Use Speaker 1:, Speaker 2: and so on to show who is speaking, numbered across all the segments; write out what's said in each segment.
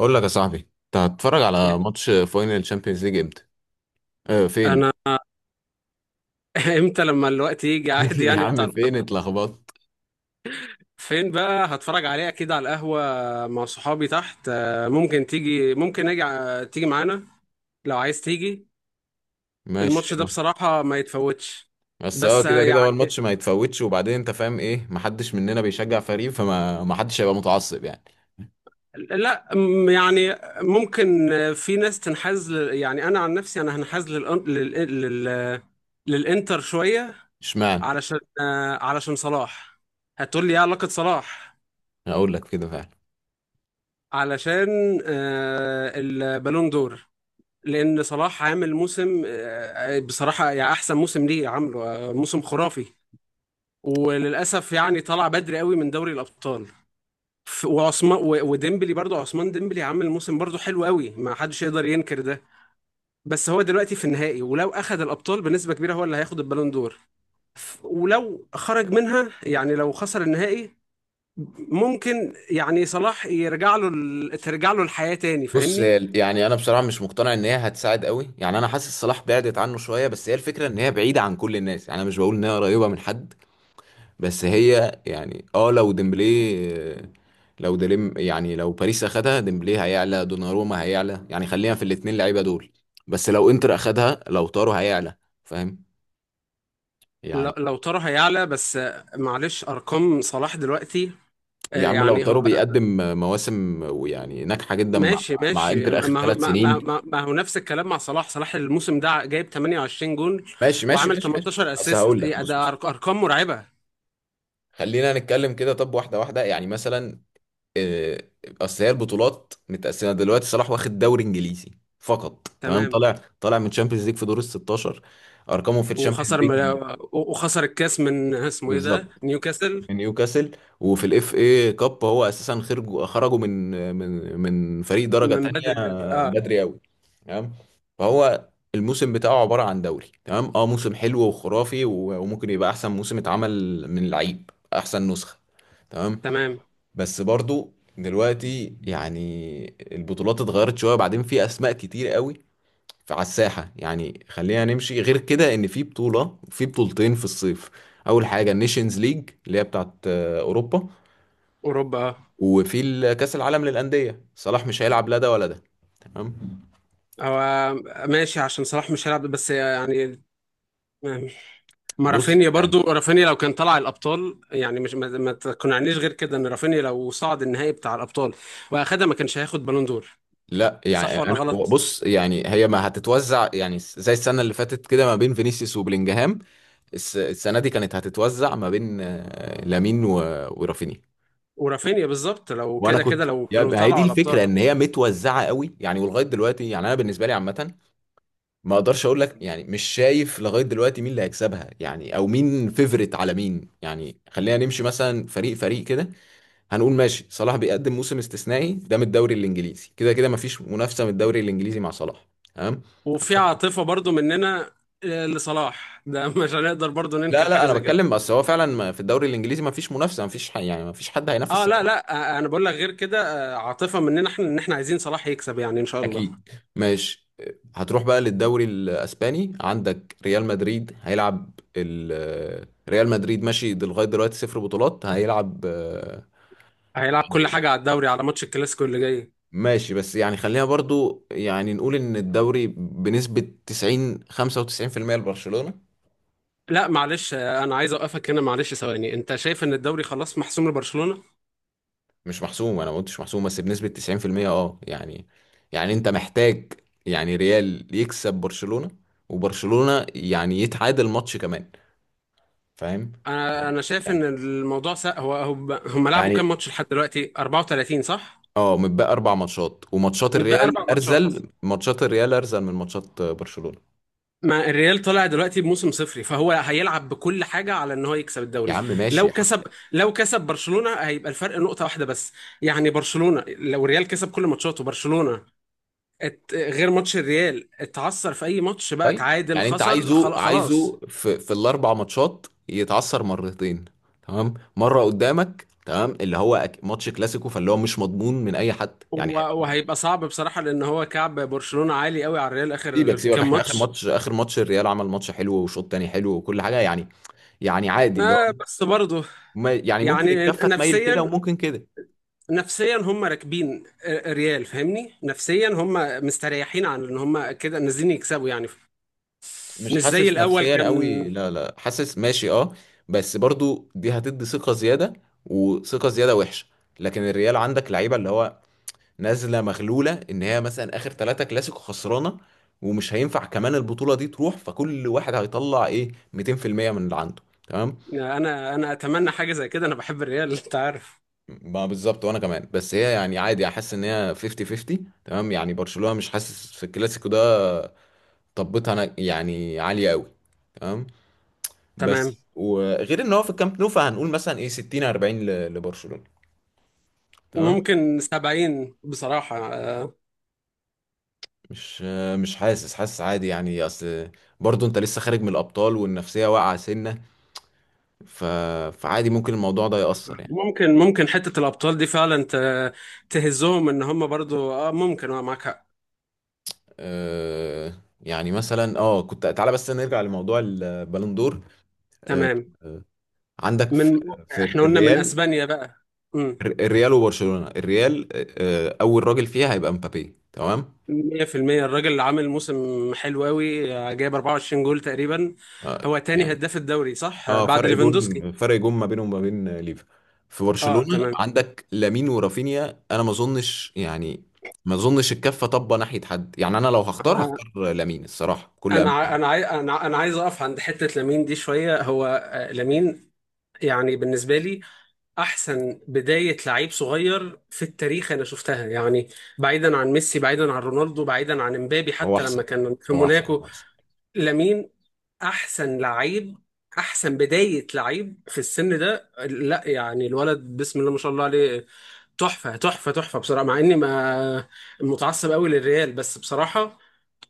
Speaker 1: اقول لك يا صاحبي، انت هتتفرج على ماتش فاينل تشامبيونز ليج امتى؟ اه فين؟
Speaker 2: انا. امتى لما الوقت يجي عادي،
Speaker 1: يا
Speaker 2: يعني بتاع
Speaker 1: عم فين
Speaker 2: القط.
Speaker 1: اتلخبطت؟
Speaker 2: فين بقى هتفرج عليه؟ اكيد على القهوة مع صحابي تحت. ممكن تيجي، ممكن اجي تيجي معانا لو عايز تيجي.
Speaker 1: ماشي
Speaker 2: الماتش ده
Speaker 1: اه.
Speaker 2: بصراحة ما يتفوتش.
Speaker 1: بس اه
Speaker 2: بس
Speaker 1: كده كده هو الماتش ما يتفوتش، وبعدين انت فاهم ايه؟ محدش مننا بيشجع فريق، فما ما حدش هيبقى متعصب يعني.
Speaker 2: لا، يعني ممكن، في ناس تنحاز يعني انا عن نفسي انا هنحاز للانتر شوية.
Speaker 1: اشمعنى؟
Speaker 2: علشان، علشان صلاح. هتقول لي ايه علاقة صلاح؟
Speaker 1: هقول لك كده فعلا.
Speaker 2: علشان البالون دور. لان صلاح عامل موسم، بصراحه يعني احسن موسم ليه عامله، موسم خرافي. وللاسف يعني طلع بدري قوي من دوري الابطال. وعثمان وديمبلي، برضو عثمان ديمبلي عامل موسم برضو حلو قوي، ما حدش يقدر ينكر ده. بس هو دلوقتي في النهائي، ولو اخذ الابطال بنسبه كبيره هو اللي هياخد البالون دور. ولو خرج منها، يعني لو خسر النهائي، ممكن يعني صلاح يرجع له ترجع له الحياه تاني، فاهمني؟
Speaker 1: يعني انا بصراحه مش مقتنع ان هي هتساعد قوي، يعني انا حاسس صلاح بعدت عنه شويه، بس هي الفكره ان هي بعيده عن كل الناس، يعني انا مش بقول ان هي قريبه من حد. بس هي يعني اه لو ديمبلي آه، لو ديلم يعني لو باريس اخدها ديمبلي هيعلى، دوناروما هيعلى، يعني خلينا في الاتنين لعيبه دول. بس لو انتر اخدها لو تارو هيعلى، فاهم
Speaker 2: لو
Speaker 1: يعني.
Speaker 2: لو ترى هيعلى، بس معلش ارقام صلاح دلوقتي،
Speaker 1: يا عم لو
Speaker 2: يعني
Speaker 1: تارو
Speaker 2: هو.
Speaker 1: بيقدم مواسم ويعني ناجحه جدا مع
Speaker 2: ماشي
Speaker 1: مع
Speaker 2: ماشي
Speaker 1: انتر اخر
Speaker 2: ما هو
Speaker 1: ثلاث
Speaker 2: ما ما
Speaker 1: سنين
Speaker 2: ما ما هو نفس الكلام مع صلاح. صلاح الموسم ده جايب 28 جون،
Speaker 1: ماشي ماشي
Speaker 2: وعامل
Speaker 1: ماشي ماشي.
Speaker 2: 18
Speaker 1: بس
Speaker 2: اسيست.
Speaker 1: هقول لك بص
Speaker 2: ده
Speaker 1: بص،
Speaker 2: ارقام مرعبة.
Speaker 1: خلينا نتكلم كده، طب واحده واحده يعني مثلا آه، اصل هي البطولات متقسمه دلوقتي. صلاح واخد دوري انجليزي فقط، تمام،
Speaker 2: تمام.
Speaker 1: طالع من تشامبيونز ليج في دور ال 16. ارقامه في الشامبيونز
Speaker 2: وخسر
Speaker 1: ليج
Speaker 2: وخسر الكاس من اسمه ايه ده،
Speaker 1: بالظبط
Speaker 2: نيوكاسل،
Speaker 1: من نيوكاسل. وفي الاف اي كاب هو اساسا خرجوا من فريق درجه
Speaker 2: من
Speaker 1: تانية،
Speaker 2: بدري. اه،
Speaker 1: بدري قوي، تمام. فهو الموسم بتاعه عباره عن دوري تمام، اه موسم حلو وخرافي، وممكن يبقى احسن موسم اتعمل من لعيب، احسن نسخه، تمام.
Speaker 2: تمام.
Speaker 1: بس برضو دلوقتي يعني البطولات اتغيرت شوية، وبعدين في أسماء كتير قوي على الساحة. يعني خلينا نمشي غير كده، إن في بطولة، في بطولتين في الصيف. أول حاجة النيشنز ليج اللي هي بتاعت أوروبا،
Speaker 2: اوروبا.
Speaker 1: كأس العالم للأندية. صلاح مش هيلعب لا ده ولا ده، تمام.
Speaker 2: اه هو ماشي، عشان صلاح مش هيلعب، بس يعني ما
Speaker 1: بص
Speaker 2: رافينيا
Speaker 1: يعني
Speaker 2: برضو. رافينيا لو كان طلع الابطال، يعني مش ما تقنعنيش غير كده ان رافينيا لو صعد النهائي بتاع الابطال واخدها ما كانش هياخد بالون دور.
Speaker 1: لا
Speaker 2: صح
Speaker 1: يعني
Speaker 2: ولا
Speaker 1: انا
Speaker 2: غلط؟
Speaker 1: يعني هي ما هتتوزع يعني زي السنه اللي فاتت كده ما بين فينيسيوس وبلينجهام. السنه دي كانت هتتوزع ما بين لامين ورافينيا.
Speaker 2: ورافينيا بالظبط، لو
Speaker 1: وانا
Speaker 2: كده كده
Speaker 1: كنت
Speaker 2: لو
Speaker 1: يا
Speaker 2: كانوا
Speaker 1: ما، هي دي
Speaker 2: طلعوا
Speaker 1: الفكره
Speaker 2: الابطال.
Speaker 1: ان هي متوزعه قوي يعني، ولغايه دلوقتي يعني انا بالنسبه لي عامه ما اقدرش اقول لك. يعني مش شايف لغايه دلوقتي مين اللي هيكسبها يعني، او مين فيفرت على مين. يعني خلينا نمشي مثلا فريق فريق كده. هنقول ماشي، صلاح بيقدم موسم استثنائي ده من الدوري الانجليزي، كده كده ما فيش منافسه من الدوري الانجليزي مع صلاح، تمام.
Speaker 2: وفي عاطفة برضو مننا، لصلاح ده. مش هنقدر برضو
Speaker 1: لا
Speaker 2: ننكر
Speaker 1: لا
Speaker 2: حاجة
Speaker 1: انا
Speaker 2: زي كده.
Speaker 1: بتكلم، بس هو فعلا في الدوري الانجليزي ما فيش منافسه، ما فيش يعني ما فيش حد هينافس
Speaker 2: اه لا
Speaker 1: صلاح.
Speaker 2: لا، انا بقول لك غير كده، عاطفة مننا احنا ان احنا عايزين صلاح يكسب، يعني ان شاء الله.
Speaker 1: اكيد، ماشي. هتروح بقى للدوري الاسباني، عندك ريال مدريد هيلعب ريال مدريد ماشي، لغايه دلوقتي صفر بطولات هيلعب
Speaker 2: هيلعب كل حاجة على الدوري، على ماتش الكلاسيكو اللي جاي.
Speaker 1: ماشي. بس يعني خلينا برضو يعني نقول ان الدوري بنسبه 90 95% لبرشلونه.
Speaker 2: لا معلش، انا عايز اوقفك هنا معلش ثواني. انت شايف ان الدوري خلاص محسوم لبرشلونة؟
Speaker 1: مش محسوم، انا ما قلتش محسوم، بس بنسبه 90% اه يعني. يعني انت محتاج يعني ريال يكسب برشلونه، وبرشلونه يعني يتعادل ماتش كمان، فاهم
Speaker 2: انا
Speaker 1: يعني.
Speaker 2: انا شايف ان الموضوع هو هم لعبوا كام
Speaker 1: يعني
Speaker 2: ماتش لحد دلوقتي؟ 34 صح؟
Speaker 1: اه متبقى اربع ماتشات، وماتشات
Speaker 2: متبقى اربع
Speaker 1: الريال
Speaker 2: ماتشات.
Speaker 1: ارزل، ماتشات الريال ارزل من ماتشات برشلونة.
Speaker 2: ما الريال طلع دلوقتي بموسم صفري، فهو هيلعب بكل حاجة على ان هو يكسب
Speaker 1: يا
Speaker 2: الدوري.
Speaker 1: عم ماشي
Speaker 2: لو
Speaker 1: يا
Speaker 2: كسب،
Speaker 1: حاج.
Speaker 2: لو كسب برشلونة هيبقى الفرق نقطة واحدة بس. يعني برشلونة، لو الريال كسب كل ماتشاته برشلونة غير ماتش الريال، اتعثر في اي ماتش بقى،
Speaker 1: طيب
Speaker 2: اتعادل،
Speaker 1: يعني انت
Speaker 2: خسر،
Speaker 1: عايزه
Speaker 2: خلاص.
Speaker 1: عايزه في في الاربع ماتشات يتعثر مرتين، تمام مره قدامك تمام، اللي هو ماتش كلاسيكو، فاللي هو مش مضمون من اي حد يعني
Speaker 2: هو
Speaker 1: هيبقى
Speaker 2: وهيبقى صعب بصراحة، لأن هو كعب برشلونة عالي قوي على الريال آخر
Speaker 1: سيبك سيبك
Speaker 2: كام
Speaker 1: احنا
Speaker 2: ماتش.
Speaker 1: اخر ماتش الريال عمل ماتش حلو، وشوط تاني حلو وكل حاجه يعني، يعني عادي اللي هو
Speaker 2: آه بس برضه
Speaker 1: يعني ممكن
Speaker 2: يعني
Speaker 1: الكفه تميل كده
Speaker 2: نفسيا،
Speaker 1: وممكن كده.
Speaker 2: نفسيا هم راكبين ريال، فاهمني؟ نفسيا هم مستريحين عن ان هم كده نازلين يكسبوا يعني،
Speaker 1: مش
Speaker 2: مش زي
Speaker 1: حاسس
Speaker 2: الاول
Speaker 1: نفسيا
Speaker 2: كان.
Speaker 1: قوي، لا لا، حاسس ماشي اه. بس برضو دي هتدي ثقة زيادة، وثقة زيادة وحشة. لكن الريال عندك لعيبة اللي هو نازلة مغلولة ان هي مثلا اخر ثلاثة كلاسيكو خسرانة. ومش هينفع كمان البطولة دي تروح، فكل واحد هيطلع ايه 200% من اللي عنده، تمام.
Speaker 2: انا اتمنى حاجه زي كده، انا بحب الريال. انت عارف.
Speaker 1: ما بالظبط، وانا كمان. بس هي يعني عادي، احس ان هي 50 50 تمام، يعني برشلونة مش حاسس في الكلاسيكو ده، طبتها انا يعني عالية قوي، تمام. بس
Speaker 2: تمام.
Speaker 1: وغير ان هو في الكامب نو فهنقول مثلا ايه 60 40 لبرشلونة، تمام.
Speaker 2: ممكن 70 بصراحه،
Speaker 1: مش مش حاسس، حاسس عادي يعني، اصل برضو انت لسه خارج من الابطال والنفسية واقعة سنة، ف... فعادي ممكن الموضوع ده يأثر يعني.
Speaker 2: ممكن ممكن. حته الابطال دي فعلا تهزهم، ان هم برضو اه ممكن. اه، معاك حق.
Speaker 1: يعني مثلا اه كنت تعالى بس نرجع لموضوع البالندور. أه...
Speaker 2: تمام.
Speaker 1: آه، عندك في
Speaker 2: من،
Speaker 1: في
Speaker 2: احنا قلنا من
Speaker 1: الريال،
Speaker 2: اسبانيا بقى. امم.
Speaker 1: الريال وبرشلونة. الريال اول راجل فيها هيبقى مبابي، تمام.
Speaker 2: 100%. الراجل اللي عامل موسم حلو قوي، جايب 24 جول تقريبا.
Speaker 1: آه،
Speaker 2: هو تاني
Speaker 1: يعني
Speaker 2: هداف الدوري صح،
Speaker 1: اه
Speaker 2: بعد ليفاندوسكي.
Speaker 1: فرق جون ما بينهم وما بين ليفا. في
Speaker 2: اه
Speaker 1: برشلونة
Speaker 2: تمام.
Speaker 1: عندك لامين ورافينيا، انا ما اظنش يعني، ما اظنش الكفة طبة ناحية حد يعني. انا لو هختار
Speaker 2: انا
Speaker 1: هختار لامين الصراحة كل
Speaker 2: انا ع- انا عاي- انا انا عايز اقف عند حتة لامين دي شوية. هو، لامين يعني بالنسبة لي احسن بداية لعيب صغير في التاريخ انا شفتها يعني، بعيدا عن ميسي، بعيدا عن رونالدو، بعيدا عن امبابي
Speaker 1: هو
Speaker 2: حتى لما
Speaker 1: احسن
Speaker 2: كان في
Speaker 1: هو احسن
Speaker 2: موناكو.
Speaker 1: هو احسن.
Speaker 2: لامين احسن لعيب، احسن بداية لعيب في السن ده، لا يعني الولد بسم الله ما شاء الله عليه. تحفة تحفة تحفة بصراحة، مع اني ما متعصب قوي للريال، بس بصراحة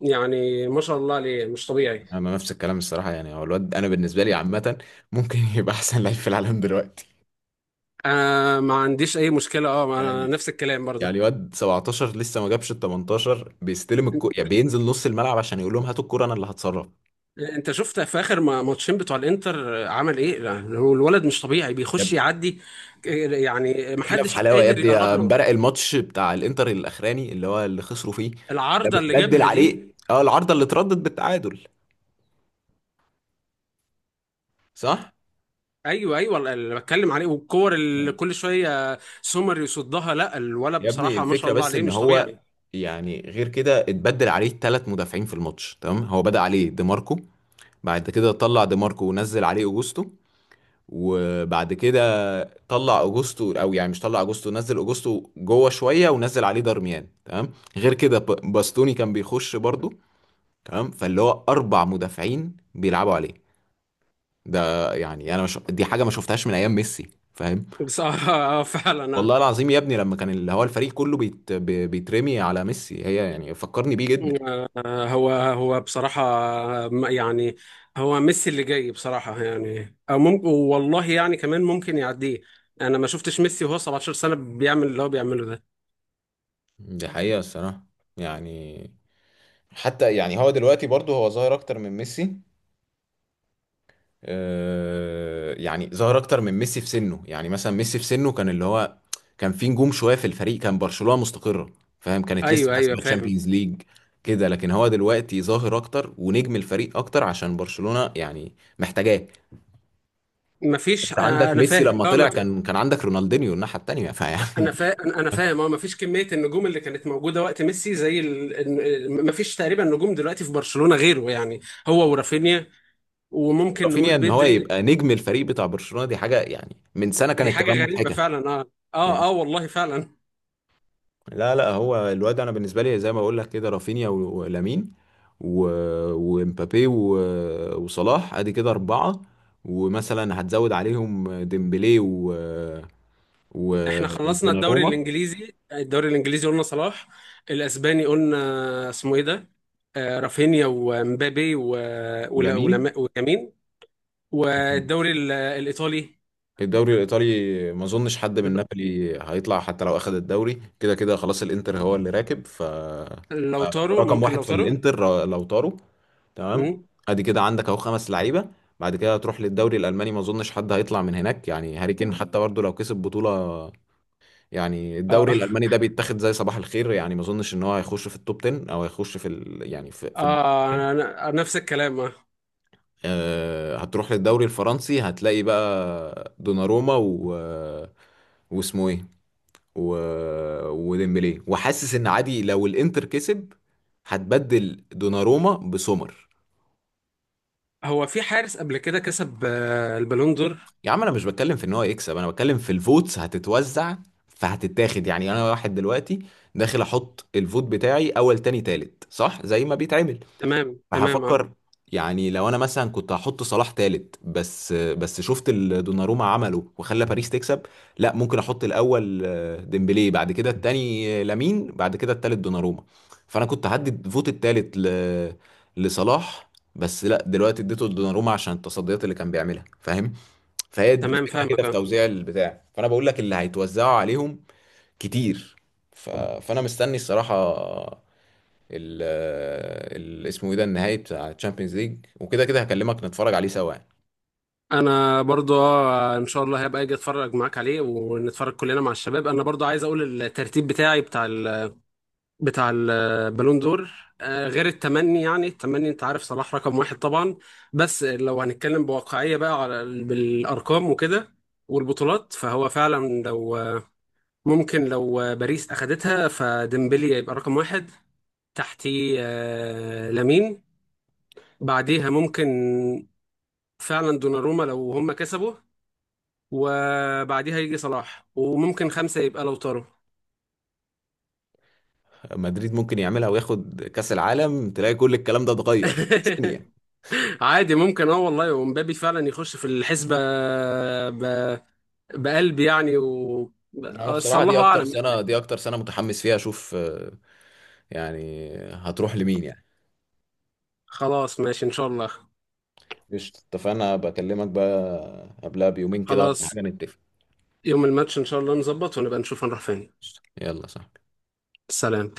Speaker 2: يعني ما شاء الله عليه، مش طبيعي.
Speaker 1: انا نفس الكلام الصراحة، يعني هو الواد انا بالنسبة لي عامة ممكن يبقى احسن لعيب في العالم دلوقتي.
Speaker 2: آه ما عنديش اي مشكلة، اه ما انا
Speaker 1: يعني
Speaker 2: نفس الكلام برضه.
Speaker 1: يعني واد 17 لسه ما جابش ال 18 بيستلم يعني بينزل نص الملعب عشان يقول لهم هاتوا الكرة انا اللي هتصرف.
Speaker 2: انت شفت في اخر ماتشين بتوع الانتر عمل ايه؟ لا، هو الولد مش طبيعي، بيخش يعدي، يعني
Speaker 1: جينا في
Speaker 2: محدش
Speaker 1: حلاوه يا
Speaker 2: قادر
Speaker 1: ابني، يا
Speaker 2: يقرب له.
Speaker 1: امبارح الماتش بتاع الانتر الاخراني اللي هو اللي خسروا فيه، ده
Speaker 2: العارضة اللي
Speaker 1: متبدل
Speaker 2: جابها دي.
Speaker 1: عليه اه العارضه اللي اتردت بالتعادل، صح.
Speaker 2: ايوه ايوه، اللي بتكلم عليه، والكور اللي كل شويه سومر يصدها. لا الولد
Speaker 1: يا ابني
Speaker 2: بصراحه ما شاء
Speaker 1: الفكره
Speaker 2: الله
Speaker 1: بس
Speaker 2: عليه
Speaker 1: ان
Speaker 2: مش
Speaker 1: هو
Speaker 2: طبيعي.
Speaker 1: يعني غير كده اتبدل عليه ثلاث مدافعين في الماتش، تمام. هو بدأ عليه ديماركو، بعد كده طلع ديماركو ونزل عليه اوجوستو، وبعد كده طلع اوجوستو او يعني مش طلع اوجوستو، نزل اوجوستو جوه شويه ونزل عليه دارميان، تمام. غير كده باستوني كان بيخش برضه، تمام. فاللي هو اربع مدافعين بيلعبوا عليه ده، يعني انا مش دي حاجه ما شفتهاش من ايام ميسي، فاهم.
Speaker 2: بس آه فعلا.
Speaker 1: والله العظيم يا ابني لما كان اللي هو الفريق كله بيترمي على ميسي، هي يعني فكرني بيه جدا.
Speaker 2: آه، هو بصراحة، يعني هو ميسي اللي جاي بصراحة، يعني أو ممكن والله يعني كمان ممكن يعديه. أنا ما شفتش ميسي وهو 17 سنة بيعمل اللي هو بيعمله ده.
Speaker 1: دي حقيقة الصراحة. يعني حتى يعني هو دلوقتي برضه هو ظاهر اكتر من ميسي. يعني ظهر اكتر من ميسي في سنه. يعني مثلا ميسي في سنه كان اللي هو كان في نجوم شويه في الفريق، كان برشلونه مستقره، فاهم، كانت لسه
Speaker 2: أيوه أيوه
Speaker 1: كاسبه
Speaker 2: فاهم.
Speaker 1: تشامبيونز ليج كده. لكن هو دلوقتي ظاهر اكتر ونجم الفريق اكتر، عشان برشلونه يعني محتاجاه.
Speaker 2: مفيش،
Speaker 1: انت عندك
Speaker 2: أنا
Speaker 1: ميسي
Speaker 2: فاهم.
Speaker 1: لما
Speaker 2: لا
Speaker 1: طلع كان عندك رونالدينيو الناحيه التانيه، فيعني
Speaker 2: انا فا... انا أنا فاهم. اه مفيش كميه النجوم اللي كانت موجوده وقت ميسي زي مفيش تقريبا نجوم دلوقتي في برشلونه غيره، يعني هو ورافينيا، وممكن نقول
Speaker 1: رافينيا ان هو
Speaker 2: بدري.
Speaker 1: يبقى نجم الفريق بتاع برشلونه دي حاجه يعني من سنه
Speaker 2: دي
Speaker 1: كانت
Speaker 2: حاجه
Speaker 1: تبان
Speaker 2: غريبه
Speaker 1: مضحكه.
Speaker 2: فعلا. اه اه اه والله فعلا.
Speaker 1: لا لا هو الواد انا بالنسبه لي زي ما بقول لك كده، رافينيا ولامين ومبابي وصلاح، ادي كده اربعه. ومثلا هتزود عليهم ديمبلي و
Speaker 2: احنا خلصنا الدوري
Speaker 1: ودوناروما
Speaker 2: الانجليزي، الدوري الانجليزي قلنا صلاح. الاسباني قلنا اسمه ايه ده، آه رافينيا ومبابي
Speaker 1: ولامين.
Speaker 2: ويمين. والدوري الايطالي،
Speaker 1: الدوري الايطالي ما اظنش حد من نابولي هيطلع حتى لو اخذ الدوري، كده كده خلاص الانتر هو اللي راكب، ف
Speaker 2: لوتارو،
Speaker 1: رقم
Speaker 2: ممكن
Speaker 1: واحد في
Speaker 2: لوتارو.
Speaker 1: الانتر لو طاروا، تمام.
Speaker 2: مم.
Speaker 1: ادي كده عندك اهو خمس لعيبه. بعد كده هتروح للدوري الالماني، ما اظنش حد هيطلع من هناك، يعني هاري كين حتى برضه لو كسب بطوله، يعني
Speaker 2: اه
Speaker 1: الدوري الالماني ده بيتاخد زي صباح الخير يعني، ما اظنش ان هو هيخش في التوب 10 او هيخش في يعني في في
Speaker 2: اه، انا نفس الكلام اه.
Speaker 1: هتروح للدوري الفرنسي، هتلاقي بقى دوناروما و، واسمه ايه، و... وديمبلي. وحاسس ان عادي لو الانتر كسب هتبدل دوناروما بسومر.
Speaker 2: هو في حارس قبل كده كسب البالون دور.
Speaker 1: يا عم انا مش بتكلم في ان هو يكسب، انا بتكلم في الفوتس هتتوزع، فهتتاخد. يعني انا واحد دلوقتي داخل احط الفوت بتاعي اول تاني تالت، صح زي ما بيتعمل،
Speaker 2: تمام تمام اه.
Speaker 1: فهفكر. يعني لو انا مثلا كنت هحط صلاح تالت، بس شفت اللي دوناروما عمله وخلى باريس تكسب، لا ممكن احط الاول ديمبلي، بعد كده التاني لامين، بعد كده التالت دوناروما. فانا كنت هدي فوت التالت لصلاح، بس لا دلوقتي اديته لدوناروما عشان التصديات اللي كان بيعملها، فاهم. فهي دي
Speaker 2: تمام
Speaker 1: الفكره كده
Speaker 2: فاهمك
Speaker 1: في
Speaker 2: اه.
Speaker 1: توزيع البتاع، فانا بقول لك اللي هيتوزعوا عليهم كتير. فانا مستني الصراحه ال اسمه ايه ده، النهائي بتاع تشامبيونز ليج، وكده كده هكلمك نتفرج عليه سوا يعني.
Speaker 2: انا برضو اه ان شاء الله هبقى اجي اتفرج معاك عليه، ونتفرج كلنا مع الشباب. انا برضو عايز اقول الترتيب بتاعي بتاع ال بتاع البالون دور. غير التمني، يعني التمني انت عارف صلاح رقم واحد طبعا. بس لو هنتكلم بواقعية بقى، على بالارقام وكده والبطولات، فهو فعلا لو، ممكن لو باريس اخدتها فديمبلي يبقى رقم واحد، تحتيه لامين، بعديها ممكن فعلا دوناروما لو هم كسبوا، وبعديها يجي صلاح، وممكن خمسة يبقى لوتارو.
Speaker 1: مدريد ممكن يعملها وياخد كأس العالم، تلاقي كل الكلام ده اتغير ثانية.
Speaker 2: عادي ممكن، اه والله ومبابي فعلا يخش في الحسبة ب... بقلب يعني. و،
Speaker 1: انا
Speaker 2: بس
Speaker 1: بصراحة
Speaker 2: الله
Speaker 1: دي اكتر
Speaker 2: أعلم
Speaker 1: سنة،
Speaker 2: يعني.
Speaker 1: دي اكتر سنة متحمس فيها اشوف يعني هتروح لمين يعني.
Speaker 2: خلاص ماشي إن شاء الله.
Speaker 1: قشطة، اتفقنا، بكلمك بقى قبلها بيومين كده ولا
Speaker 2: خلاص،
Speaker 1: حاجة نتفق.
Speaker 2: يوم الماتش إن شاء الله نظبط، ونبقى نشوف هنروح فين.
Speaker 1: قشطة. يلا صح
Speaker 2: سلام.